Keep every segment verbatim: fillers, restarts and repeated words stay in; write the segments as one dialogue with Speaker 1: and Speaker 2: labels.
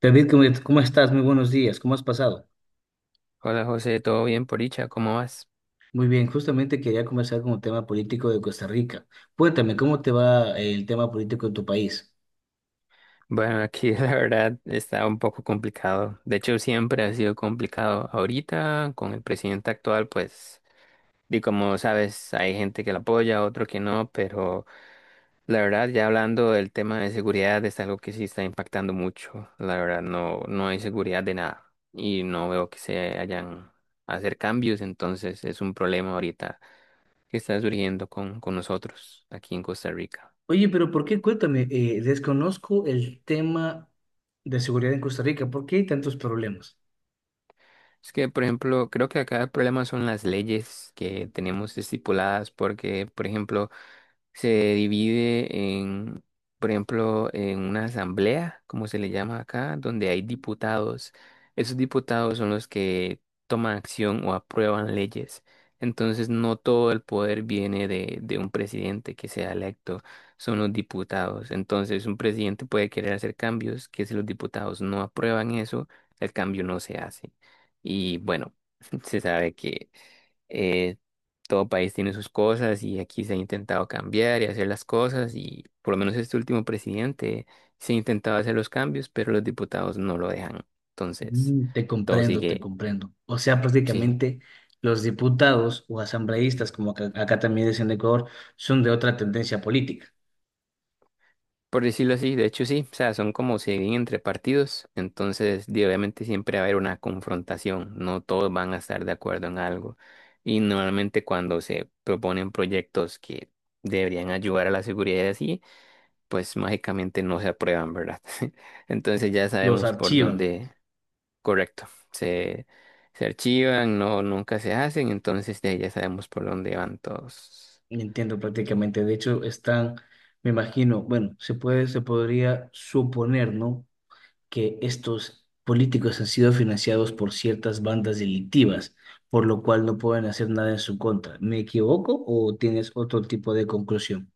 Speaker 1: David, ¿cómo cómo estás? Muy buenos días. ¿Cómo has pasado?
Speaker 2: Hola José, ¿todo bien por dicha? ¿Cómo vas?
Speaker 1: Muy bien, justamente quería conversar con el tema político de Costa Rica. Cuéntame, ¿cómo te va el tema político en tu país?
Speaker 2: Bueno, aquí la verdad está un poco complicado. De hecho, siempre ha sido complicado. Ahorita, con el presidente actual, pues, y como sabes, hay gente que lo apoya, otro que no, pero la verdad, ya hablando del tema de seguridad, es algo que sí está impactando mucho. La verdad, no, no hay seguridad de nada y no veo que se hayan a hacer cambios. Entonces es un problema ahorita que está surgiendo con, con nosotros aquí en Costa Rica.
Speaker 1: Oye, pero ¿por qué? Cuéntame, eh, desconozco el tema de seguridad en Costa Rica. ¿Por qué hay tantos problemas?
Speaker 2: Es que, por ejemplo, creo que acá el problema son las leyes que tenemos estipuladas, porque, por ejemplo, se divide en, por ejemplo, en una asamblea, como se le llama acá, donde hay diputados. Esos diputados son los que toman acción o aprueban leyes. Entonces, no todo el poder viene de, de un presidente que sea electo, son los diputados. Entonces, un presidente puede querer hacer cambios, que si los diputados no aprueban eso, el cambio no se hace. Y bueno, se sabe que eh, todo país tiene sus cosas y aquí se ha intentado cambiar y hacer las cosas y por lo menos este último presidente se ha intentado hacer los cambios, pero los diputados no lo dejan. Entonces,
Speaker 1: Mm, te
Speaker 2: todo
Speaker 1: comprendo, te
Speaker 2: sigue,
Speaker 1: comprendo. O sea,
Speaker 2: sí,
Speaker 1: prácticamente los diputados o asambleístas, como acá, acá también dicen en Ecuador, son de otra tendencia política.
Speaker 2: por decirlo así, de hecho sí, o sea, son como siguen entre partidos, entonces di, obviamente siempre va a haber una confrontación, no todos van a estar de acuerdo en algo y normalmente cuando se proponen proyectos que deberían ayudar a la seguridad y así, pues mágicamente no se aprueban, ¿verdad? Entonces ya
Speaker 1: Los
Speaker 2: sabemos por
Speaker 1: archivan.
Speaker 2: dónde, correcto, se, se archivan, no, nunca se hacen, entonces de ahí ya sabemos por dónde van todos.
Speaker 1: Entiendo prácticamente. De hecho, están, me imagino, bueno, se puede, se podría suponer, ¿no? Que estos políticos han sido financiados por ciertas bandas delictivas, por lo cual no pueden hacer nada en su contra. ¿Me equivoco o tienes otro tipo de conclusión?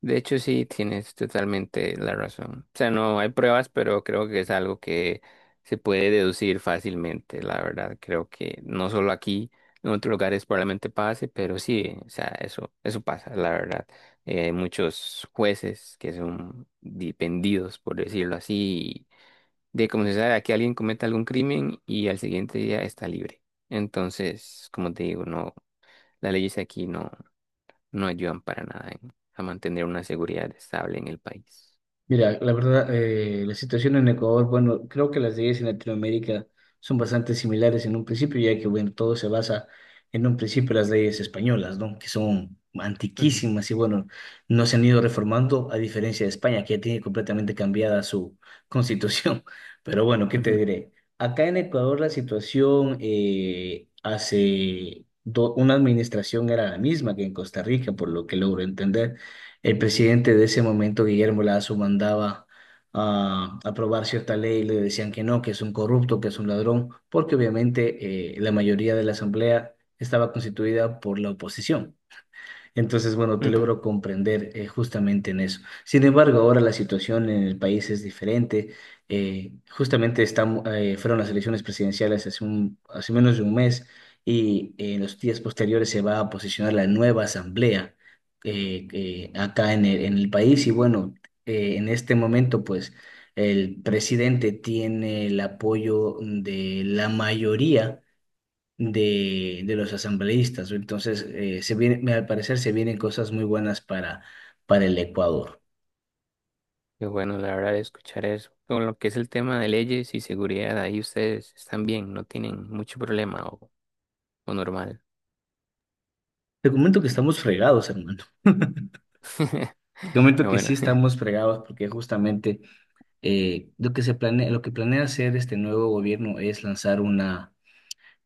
Speaker 2: De hecho, sí, tienes totalmente la razón. O sea, no hay pruebas, pero creo que es algo que se puede deducir fácilmente, la verdad. Creo que no solo aquí, en otros lugares probablemente pase, pero sí, o sea, eso, eso pasa, la verdad. Eh, hay muchos jueces que son dependidos, por decirlo así, de como se sabe, aquí alguien comete algún crimen y al siguiente día está libre. Entonces, como te digo, no, las leyes aquí no no ayudan para nada en- a mantener una seguridad estable en el país.
Speaker 1: Mira, la verdad, eh, la situación en Ecuador, bueno, creo que las leyes en Latinoamérica son bastante similares en un principio, ya que, bueno, todo se basa en un principio en las leyes españolas, ¿no? Que son
Speaker 2: Ujú,
Speaker 1: antiquísimas y, bueno, no se han ido reformando, a diferencia de España, que ya tiene completamente cambiada su constitución. Pero bueno, ¿qué te
Speaker 2: ujú,
Speaker 1: diré? Acá en Ecuador la situación eh, hace do- una administración era la misma que en Costa Rica, por lo que logro entender el presidente de ese momento, Guillermo Lazo, mandaba a aprobar cierta ley y le decían que no, que es un corrupto, que es un ladrón, porque obviamente eh, la mayoría de la asamblea estaba constituida por la oposición. Entonces, bueno, te
Speaker 2: ujú.
Speaker 1: logro comprender eh, justamente en eso. Sin embargo, ahora la situación en el país es diferente. Eh, justamente estamos, eh, fueron las elecciones presidenciales hace un, hace menos de un mes y eh, en los días posteriores se va a posicionar la nueva asamblea eh, eh, acá en el, en el país. Y bueno, eh, en este momento, pues, el presidente tiene el apoyo de la mayoría de, de los asambleístas. Entonces, eh, se viene, al parecer se vienen cosas muy buenas para, para el Ecuador.
Speaker 2: Qué bueno, la verdad, escuchar eso. Con lo que es el tema de leyes y seguridad, ahí ustedes están bien, no tienen mucho problema o, o normal.
Speaker 1: Te comento que estamos fregados, hermano. Te comento
Speaker 2: Pero
Speaker 1: que sí
Speaker 2: bueno,
Speaker 1: estamos fregados porque justamente eh, lo que se planea, lo que planea hacer este nuevo gobierno es lanzar una,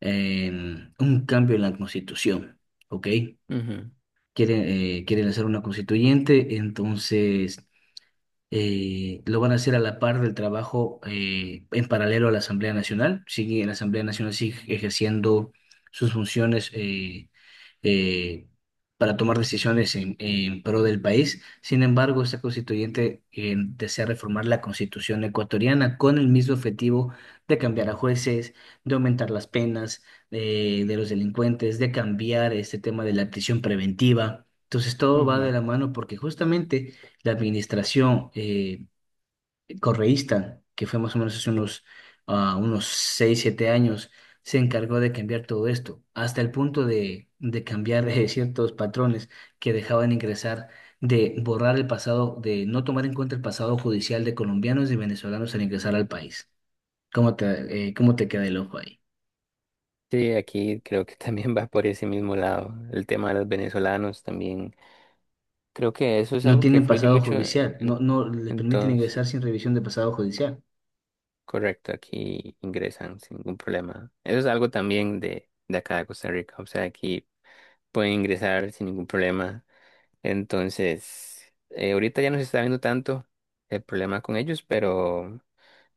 Speaker 1: eh, un cambio en la constitución, ¿ok?
Speaker 2: ujú,
Speaker 1: Quieren, eh, quieren hacer una constituyente, entonces eh, lo van a hacer a la par del trabajo eh, en paralelo a la Asamblea Nacional. Sigue, la Asamblea Nacional sigue ejerciendo sus funciones eh, eh, para tomar decisiones en, en pro del país. Sin embargo, esta constituyente eh, desea reformar la constitución ecuatoriana con el mismo objetivo de cambiar a jueces, de aumentar las penas eh, de los delincuentes, de cambiar este tema de la prisión preventiva. Entonces todo va de
Speaker 2: ujú.
Speaker 1: la mano porque justamente la administración eh, correísta, que fue más o menos hace unos, ah, unos seis o siete años, se encargó de cambiar todo esto, hasta el punto de, de cambiar eh, ciertos patrones que dejaban ingresar, de borrar el pasado, de no tomar en cuenta el pasado judicial de colombianos y venezolanos al ingresar al país. ¿Cómo te, eh, cómo te queda el ojo ahí?
Speaker 2: Sí, aquí creo que también va por ese mismo lado. El tema de los venezolanos también. Creo que eso es
Speaker 1: No
Speaker 2: algo que
Speaker 1: tienen
Speaker 2: fluye
Speaker 1: pasado
Speaker 2: mucho
Speaker 1: judicial,
Speaker 2: en,
Speaker 1: no, no les
Speaker 2: en
Speaker 1: permiten
Speaker 2: todos.
Speaker 1: ingresar sin revisión de pasado judicial.
Speaker 2: Correcto, aquí ingresan sin ningún problema. Eso es algo también de, de acá de Costa Rica, o sea, aquí pueden ingresar sin ningún problema. Entonces, eh, ahorita ya no se está viendo tanto el problema con ellos, pero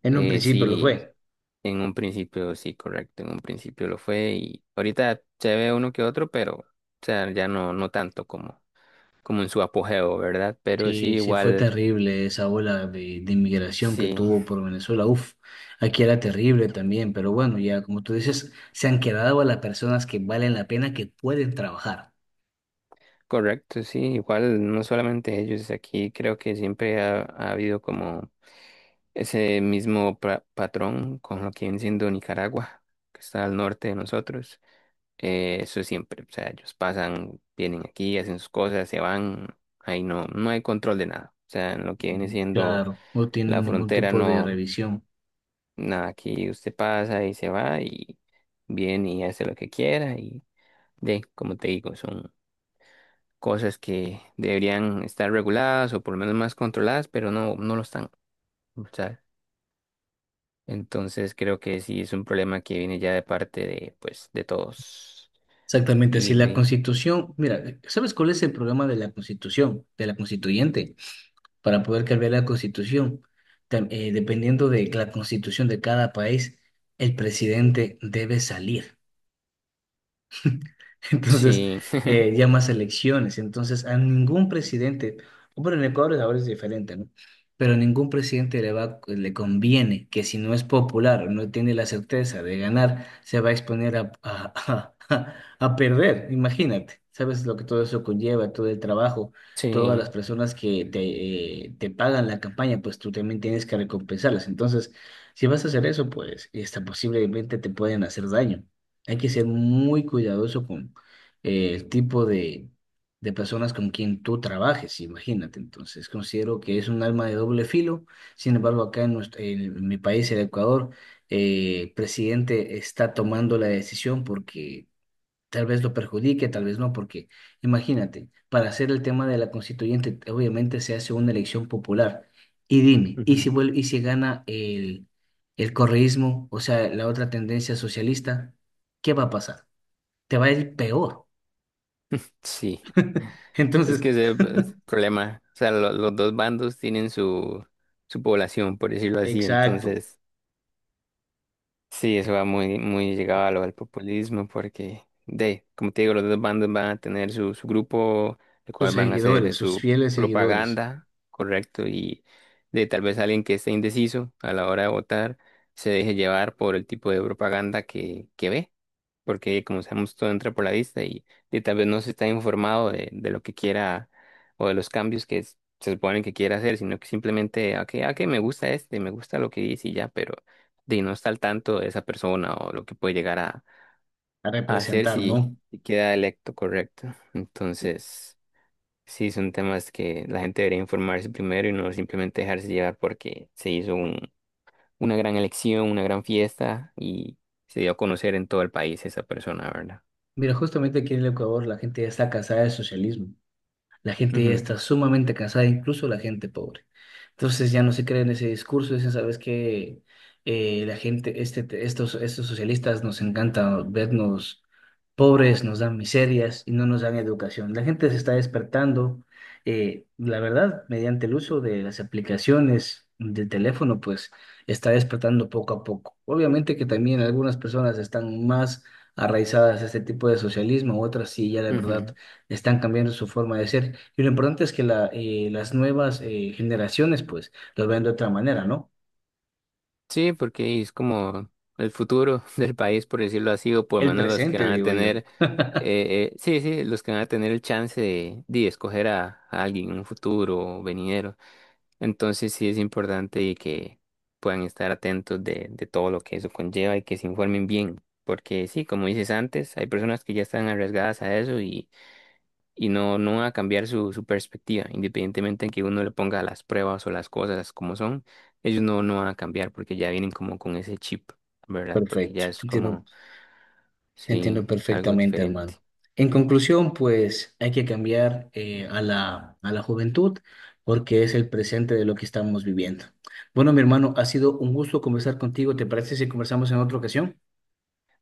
Speaker 1: En un
Speaker 2: eh,
Speaker 1: principio lo
Speaker 2: sí,
Speaker 1: fue.
Speaker 2: en un principio sí, correcto, en un principio lo fue y ahorita se ve uno que otro, pero o sea, ya no, no tanto como, como en su apogeo, ¿verdad? Pero sí,
Speaker 1: Sí, sí, fue
Speaker 2: igual,
Speaker 1: terrible esa ola de, de inmigración que
Speaker 2: sí.
Speaker 1: tuvo por Venezuela. Uf, aquí era terrible también, pero bueno, ya como tú dices, se han quedado a las personas que valen la pena, que pueden trabajar.
Speaker 2: Correcto, sí, igual no solamente ellos, aquí creo que siempre ha, ha habido como ese mismo pra- patrón con lo que viene siendo Nicaragua, que está al norte de nosotros. Eh, eso siempre, o sea, ellos pasan, vienen aquí, hacen sus cosas, se van, ahí no, no hay control de nada. O sea, en lo que viene siendo
Speaker 1: Claro, no
Speaker 2: la
Speaker 1: tienen ningún
Speaker 2: frontera,
Speaker 1: tipo de
Speaker 2: no,
Speaker 1: revisión.
Speaker 2: nada, aquí usted pasa y se va y viene y hace lo que quiera y de, como te digo, son cosas que deberían estar reguladas o por lo menos más controladas, pero no, no lo están, ¿sabes? Entonces creo que sí es un problema que viene ya de parte de, pues, de todos.
Speaker 1: Exactamente, si
Speaker 2: Y
Speaker 1: la
Speaker 2: de,
Speaker 1: Constitución, mira, ¿sabes cuál es el problema de la Constitución, de la constituyente? Para poder cambiar la Constitución, tam- eh, dependiendo de la Constitución de cada país, el presidente debe salir. Entonces,
Speaker 2: sí,
Speaker 1: eh, ya más elecciones. Entonces, a ningún presidente, bueno, en Ecuador ahora es diferente, ¿no? Pero a ningún presidente le va, le conviene que si no es popular o no tiene la certeza de ganar, se va a exponer a, a, a- a perder. Imagínate, ¿sabes lo que todo eso conlleva? Todo el trabajo,
Speaker 2: sí,
Speaker 1: todas las personas que te, eh, te pagan la campaña, pues tú también tienes que recompensarlas. Entonces, si vas a hacer eso, pues, hasta posiblemente te pueden hacer daño. Hay que ser muy cuidadoso eh, el tipo de, de personas con quien tú trabajes, imagínate. Entonces, considero que es un alma de doble filo. Sin embargo, acá en, nuestro- en mi país, el Ecuador, eh, el presidente está tomando la decisión porque tal vez lo perjudique, tal vez no, porque imagínate, para hacer el tema de la constituyente, obviamente se hace una elección popular. Y dime, ¿y si
Speaker 2: ujú,
Speaker 1: vuelve, ¿y si gana el, el correísmo, o sea, la otra tendencia socialista, qué va a pasar? Te va a ir peor.
Speaker 2: sí. Es
Speaker 1: Entonces,
Speaker 2: que ese es el problema. O sea, lo- los dos bandos tienen su, su población, por decirlo así.
Speaker 1: exacto,
Speaker 2: Entonces, sí, eso va muy, muy llegado a lo del populismo, porque, de, como te digo, los dos bandos van a tener su, su grupo, el
Speaker 1: sus
Speaker 2: cual van a hacer
Speaker 1: seguidores, sus
Speaker 2: su
Speaker 1: fieles seguidores
Speaker 2: propaganda, correcto, y de tal vez alguien que esté indeciso a la hora de votar se deje llevar por el tipo de propaganda que, que ve porque como sabemos todo entra por la vista y, y tal vez no se está informado de, de lo que quiera o de los cambios que es- se supone que quiera hacer, sino que simplemente, ah, que ah, que me gusta este, me gusta lo que dice y ya, pero de no está al tanto de esa persona o lo que puede llegar a,
Speaker 1: a
Speaker 2: a hacer
Speaker 1: representar,
Speaker 2: si,
Speaker 1: ¿no?
Speaker 2: si queda electo correcto. Entonces, sí, son temas que la gente debería informarse primero y no simplemente dejarse llevar porque se hizo un, una gran elección, una gran fiesta y se dio a conocer en todo el país esa persona, ¿verdad?
Speaker 1: Mira, justamente aquí en el Ecuador la gente ya está cansada del socialismo. La gente ya
Speaker 2: Ujú.
Speaker 1: está sumamente cansada, incluso la gente pobre. Entonces ya no se cree en ese discurso, dicen, ¿sabes que la gente, este, te- estos, estos socialistas nos encanta vernos pobres, nos dan miserias y no nos dan educación? La gente se está despertando, eh, la verdad, mediante el uso de las aplicaciones del teléfono, pues está despertando poco a poco. Obviamente que también algunas personas están más arraizadas a este tipo de socialismo, otras sí, ya la verdad
Speaker 2: Ujú.
Speaker 1: están cambiando su forma de ser. Y lo importante es que la, eh, las nuevas eh, generaciones, pues, lo ven de otra manera, ¿no?
Speaker 2: Sí, porque es como el futuro del país, por decirlo así, o por lo
Speaker 1: El
Speaker 2: menos los que
Speaker 1: presente,
Speaker 2: van a
Speaker 1: digo yo.
Speaker 2: tener, eh, eh, sí, sí, los que van a tener el chance de, de escoger a, a alguien en un futuro o venidero. Entonces sí es importante y que puedan estar atentos de, de todo lo que eso conlleva y que se informen bien, porque sí, como dices antes, hay personas que ya están arriesgadas a eso y no, no va a cambiar su, su perspectiva, independientemente de que uno le ponga las pruebas o las cosas como son, ellos no, no van a cambiar porque ya vienen como con ese chip, ¿verdad? Porque
Speaker 1: Perfecto,
Speaker 2: ya es
Speaker 1: te entiendo,
Speaker 2: como,
Speaker 1: te
Speaker 2: sí,
Speaker 1: entiendo
Speaker 2: algo
Speaker 1: perfectamente, hermano.
Speaker 2: diferente.
Speaker 1: En conclusión, pues, hay que cambiar eh, a la, a la juventud porque es el presente de lo que estamos viviendo. Bueno, mi hermano, ha sido un gusto conversar contigo. ¿Te parece si conversamos en otra ocasión?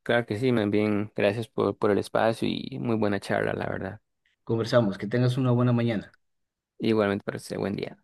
Speaker 2: Claro que sí, más bien, gracias por, por el espacio y muy buena charla, la verdad.
Speaker 1: Conversamos. Que tengas una buena mañana.
Speaker 2: Igualmente, para usted, buen día.